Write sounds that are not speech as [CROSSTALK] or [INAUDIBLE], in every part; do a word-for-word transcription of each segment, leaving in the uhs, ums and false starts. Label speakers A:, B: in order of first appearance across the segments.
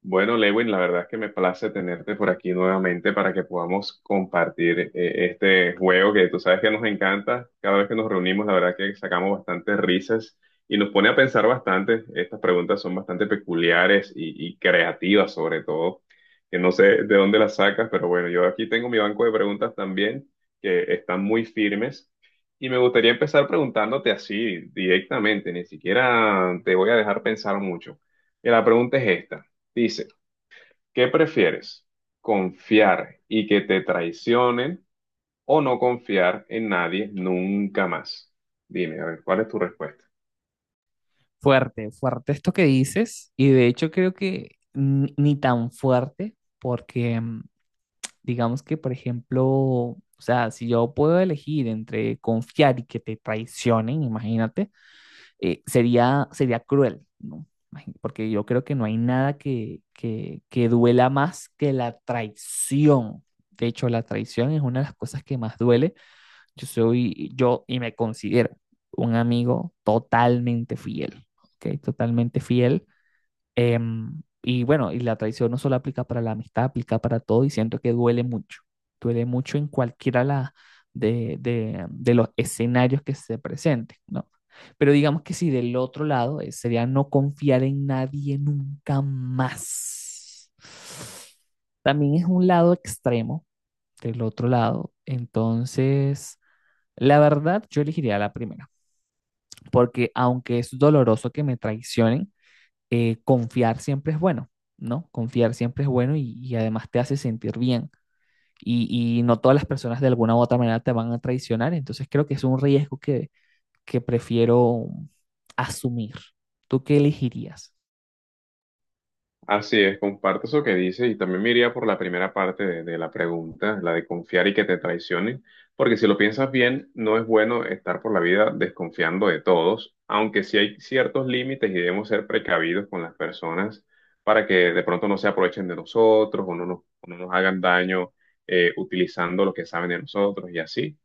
A: Bueno, Lewin, la verdad es que me place tenerte por aquí nuevamente para que podamos compartir eh, este juego que tú sabes que nos encanta. Cada vez que nos reunimos, la verdad que sacamos bastantes risas y nos pone a pensar bastante. Estas preguntas son bastante peculiares y, y creativas sobre todo, que no sé de dónde las sacas, pero bueno, yo aquí tengo mi banco de preguntas también que están muy firmes. Y me gustaría empezar preguntándote así directamente, ni siquiera te voy a dejar pensar mucho. Y la pregunta es esta. Dice, ¿qué prefieres? ¿Confiar y que te traicionen o no confiar en nadie nunca más? Dime, a ver, ¿cuál es tu respuesta?
B: Fuerte, fuerte esto que dices, y de hecho creo que ni, ni tan fuerte, porque mm, digamos que, por ejemplo, o sea, si yo puedo elegir entre confiar y que te traicionen, imagínate, eh, sería, sería cruel, ¿no? Imagi- Porque yo creo que no hay nada que, que, que duela más que la traición. De hecho, la traición es una de las cosas que más duele. Yo soy yo y me considero un amigo totalmente fiel, ¿ok? Totalmente fiel. Em, y bueno, y la traición no solo aplica para la amistad, aplica para todo y siento que duele mucho. Duele mucho en cualquiera la- de, de- de los escenarios que se presenten, ¿no? Pero digamos que si del otro lado eh, sería no confiar en nadie nunca más. También es un lado extremo del otro lado. Entonces, la verdad, yo elegiría la primera, porque aunque es doloroso que me traicionen, eh, confiar siempre es bueno, ¿no? Confiar siempre es bueno y, y además te hace sentir bien. Y, y no todas las personas de alguna u otra manera te van a traicionar, entonces creo que es un riesgo que, que prefiero asumir. ¿Tú qué elegirías?
A: Así es, comparto eso que dice y también me iría por la primera parte de, de la pregunta, la de confiar y que te traicionen, porque si lo piensas bien, no es bueno estar por la vida desconfiando de todos, aunque sí hay ciertos límites y debemos ser precavidos con las personas para que de pronto no se aprovechen de nosotros o no nos, o no nos hagan daño eh, utilizando lo que saben de nosotros y así.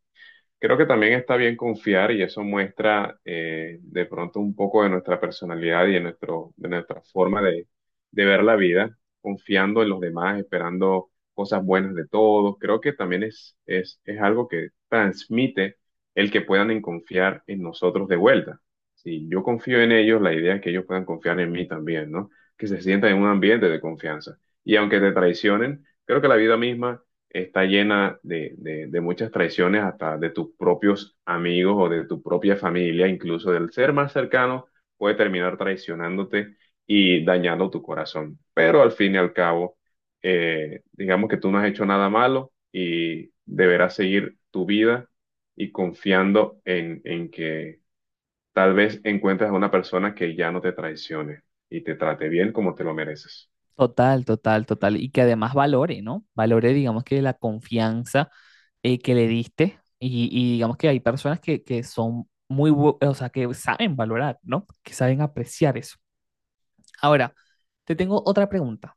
A: Creo que también está bien confiar y eso muestra eh, de pronto un poco de nuestra personalidad y de, nuestro, de nuestra forma de, de ver la vida, confiando en los demás, esperando cosas buenas de todos. Creo que también es, es, es algo que transmite el que puedan en confiar en nosotros de vuelta. Si yo confío en ellos, la idea es que ellos puedan confiar en mí también, ¿no? Que se sientan en un ambiente de confianza. Y aunque te traicionen, creo que la vida misma está llena de, de- de muchas traiciones, hasta de tus propios amigos o de tu propia familia, incluso del ser más cercano, puede terminar traicionándote y dañando tu corazón. Pero al fin y al cabo, eh, digamos que tú no has hecho nada malo y deberás seguir tu vida y confiando en, en que tal vez encuentres a una persona que ya no te traicione y te trate bien como te lo mereces.
B: Total, total, total. Y que además valore, ¿no? Valore, digamos que la confianza eh, que le diste y, y digamos que hay personas que, que son muy, bu- o sea, que saben valorar, ¿no? Que saben apreciar eso. Ahora, te tengo otra pregunta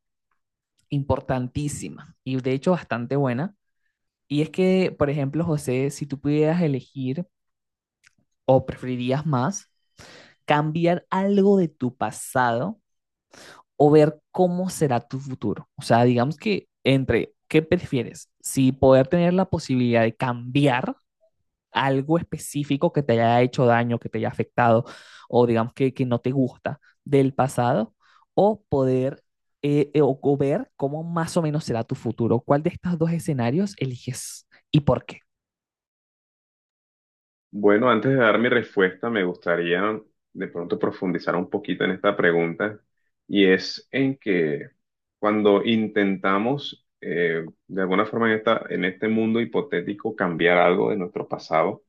B: importantísima y de hecho bastante buena. Y es que, por ejemplo, José, si tú pudieras elegir o preferirías más cambiar algo de tu pasado o ver cómo será tu futuro. O sea, digamos que entre, ¿qué prefieres? Si poder tener la posibilidad de cambiar algo específico que te haya hecho daño, que te haya afectado, o digamos que, que no te gusta del pasado, o poder eh, eh, o, o ver cómo más o menos será tu futuro. ¿Cuál de estos dos escenarios eliges y por qué?
A: Bueno, antes de dar mi respuesta, me gustaría de pronto profundizar un poquito en esta pregunta y es en que cuando intentamos eh, de alguna forma en esta, en este mundo hipotético cambiar algo de nuestro pasado,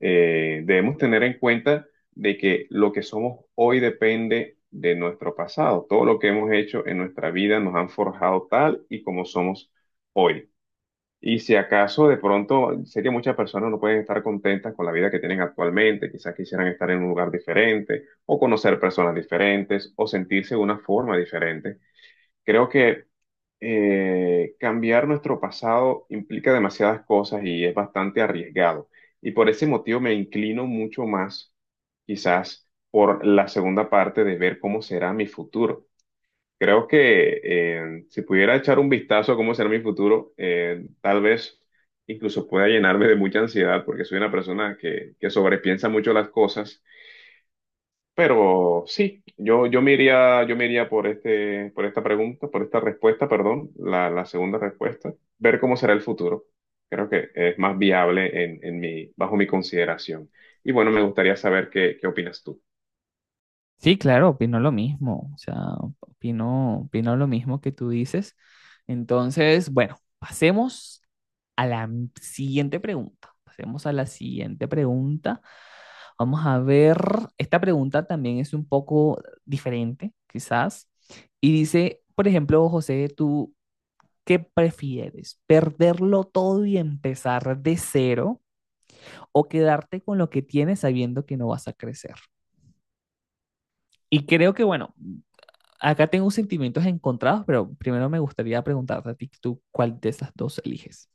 A: eh, debemos tener en cuenta de que lo que somos hoy depende de nuestro pasado. Todo lo que hemos hecho en nuestra vida nos han forjado tal y como somos hoy. Y si acaso de pronto sé que muchas personas no pueden estar contentas con la vida que tienen actualmente, quizás quisieran estar en un lugar diferente o conocer personas diferentes o sentirse de una forma diferente. Creo que eh, cambiar nuestro pasado implica demasiadas cosas y es bastante arriesgado. Y por ese motivo me inclino mucho más quizás por la segunda parte de ver cómo será mi futuro. Creo que eh, si pudiera echar un vistazo a cómo será mi futuro, eh, tal vez incluso pueda llenarme de mucha ansiedad porque soy una persona que, que sobrepiensa mucho las cosas. Pero sí, yo, yo me iría, yo me iría por este, por esta pregunta, por esta respuesta, perdón, la, la segunda respuesta, ver cómo será el futuro. Creo que es más viable en, en mi, bajo mi consideración. Y bueno, me gustaría saber qué, qué opinas tú.
B: Sí, claro, opino lo mismo. O sea, opino, opino lo mismo que tú dices. Entonces, bueno, pasemos a la siguiente pregunta. Pasemos a la siguiente pregunta. Vamos a ver, esta pregunta también es un poco diferente, quizás. Y dice, por ejemplo, José, ¿tú qué prefieres? ¿Perderlo todo y empezar de cero o quedarte con lo que tienes sabiendo que no vas a crecer? Y creo que, bueno, acá tengo sentimientos encontrados, pero primero me gustaría preguntarte a ti, ¿tú cuál de esas dos eliges?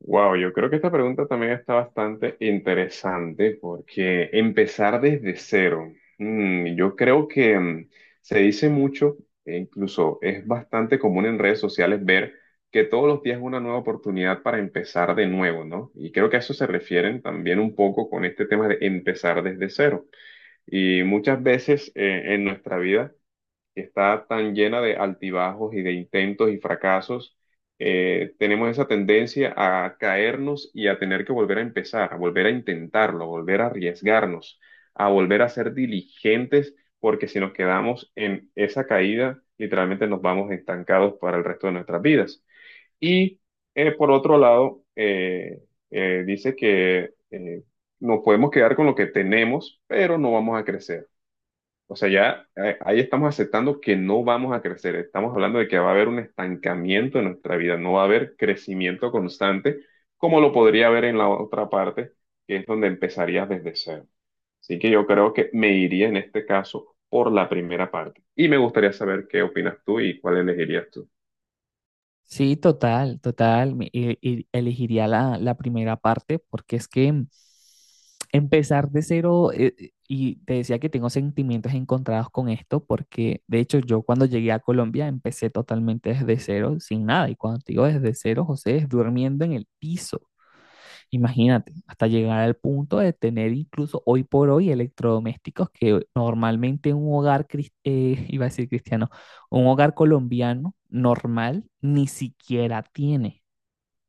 A: Wow, yo creo que esta pregunta también está bastante interesante porque empezar desde cero, mm, yo creo que mm, se dice mucho e incluso es bastante común en redes sociales ver que todos los días es una nueva oportunidad para empezar de nuevo, ¿no? Y creo que a eso se refieren también un poco con este tema de empezar desde cero. Y muchas veces eh, en nuestra vida que está tan llena de altibajos y de intentos y fracasos, eh, tenemos esa tendencia a caernos y a tener que volver a empezar, a volver a intentarlo, a volver a arriesgarnos, a volver a ser diligentes, porque si nos quedamos en esa caída, literalmente nos vamos estancados para el resto de nuestras vidas. Y eh, por otro lado, eh, eh, dice que eh, nos podemos quedar con lo que tenemos, pero no vamos a crecer. O sea, ya eh, ahí estamos aceptando que no vamos a crecer. Estamos hablando de que va a haber un estancamiento en nuestra vida, no va a haber crecimiento constante como lo podría haber en la otra parte, que es donde empezarías desde cero. Así que yo creo que me iría en este caso por la primera parte. Y me gustaría saber qué opinas tú y cuál elegirías tú.
B: Sí, total, total. Me- e- e- elegiría la, la primera parte porque es que mm, empezar de cero, eh, eh, y te decía que tengo sentimientos encontrados con esto porque de hecho yo cuando llegué a Colombia empecé totalmente desde cero, sin nada. Y cuando te digo desde cero, José, es durmiendo en el piso. Imagínate, hasta llegar al punto de tener incluso hoy por hoy electrodomésticos que normalmente un hogar, cris- eh, [LAUGHS] iba a decir cristiano, un hogar colombiano normal ni siquiera tiene,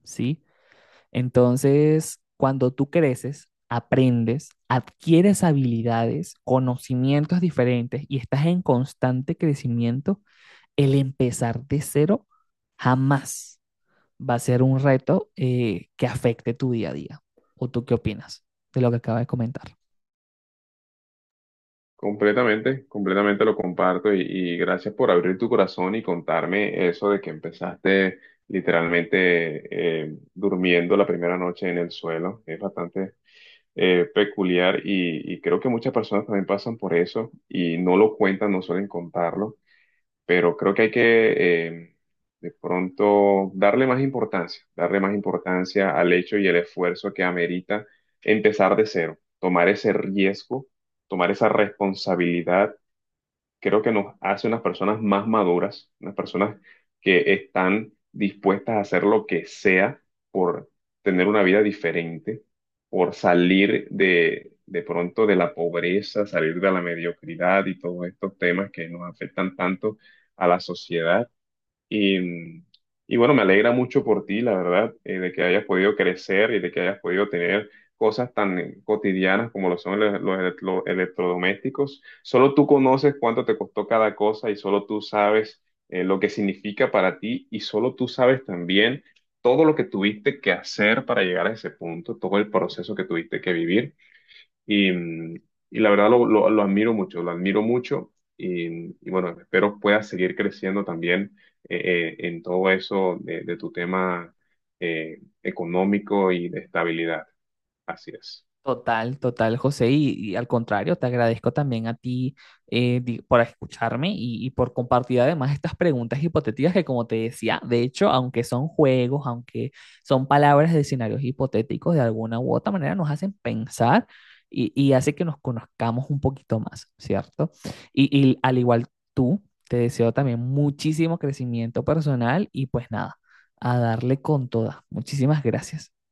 B: ¿sí? Entonces, cuando tú creces, aprendes, adquieres habilidades, conocimientos diferentes y estás en constante crecimiento, el empezar de cero jamás va a ser un reto eh, que afecte tu día a día. ¿O tú qué opinas de lo que acaba de comentar?
A: Completamente, completamente lo comparto y, y gracias por abrir tu corazón y contarme eso de que empezaste literalmente eh, durmiendo la primera noche en el suelo. Es bastante eh, peculiar y, y creo que muchas personas también pasan por eso y no lo cuentan, no suelen contarlo pero creo que hay que eh, de pronto darle más importancia, darle más importancia al hecho y el esfuerzo que amerita empezar de cero, tomar ese riesgo, tomar esa responsabilidad creo que nos hace unas personas más maduras, unas personas que están dispuestas a hacer lo que sea por tener una vida diferente, por salir de, de pronto de la pobreza, salir de la mediocridad y todos estos temas que nos afectan tanto a la sociedad. Y, y bueno, me alegra mucho por ti, la verdad, eh, de que hayas podido crecer y de que hayas podido tener cosas tan eh, cotidianas como lo son los, los electro- electrodomésticos. Solo tú conoces cuánto te costó cada cosa y solo tú sabes eh, lo que significa para ti y solo tú sabes también todo lo que tuviste que hacer para llegar a ese punto, todo el proceso que tuviste que vivir. Y, mm, y la verdad lo, lo- lo admiro mucho, lo admiro mucho y, mm, y bueno, espero puedas seguir creciendo también eh, eh, en todo eso de, de tu tema eh, económico y de estabilidad. Así es.
B: Total, total, José. Y, y al contrario, te agradezco también a ti eh, di- por escucharme y, y por compartir además estas preguntas hipotéticas que, como te decía, de hecho, aunque son juegos, aunque son palabras de escenarios hipotéticos, de alguna u otra manera nos hacen pensar y, y hace que nos conozcamos un poquito más, ¿cierto? Y, y al igual tú, te deseo también muchísimo crecimiento personal y pues nada, a darle con todas. Muchísimas gracias.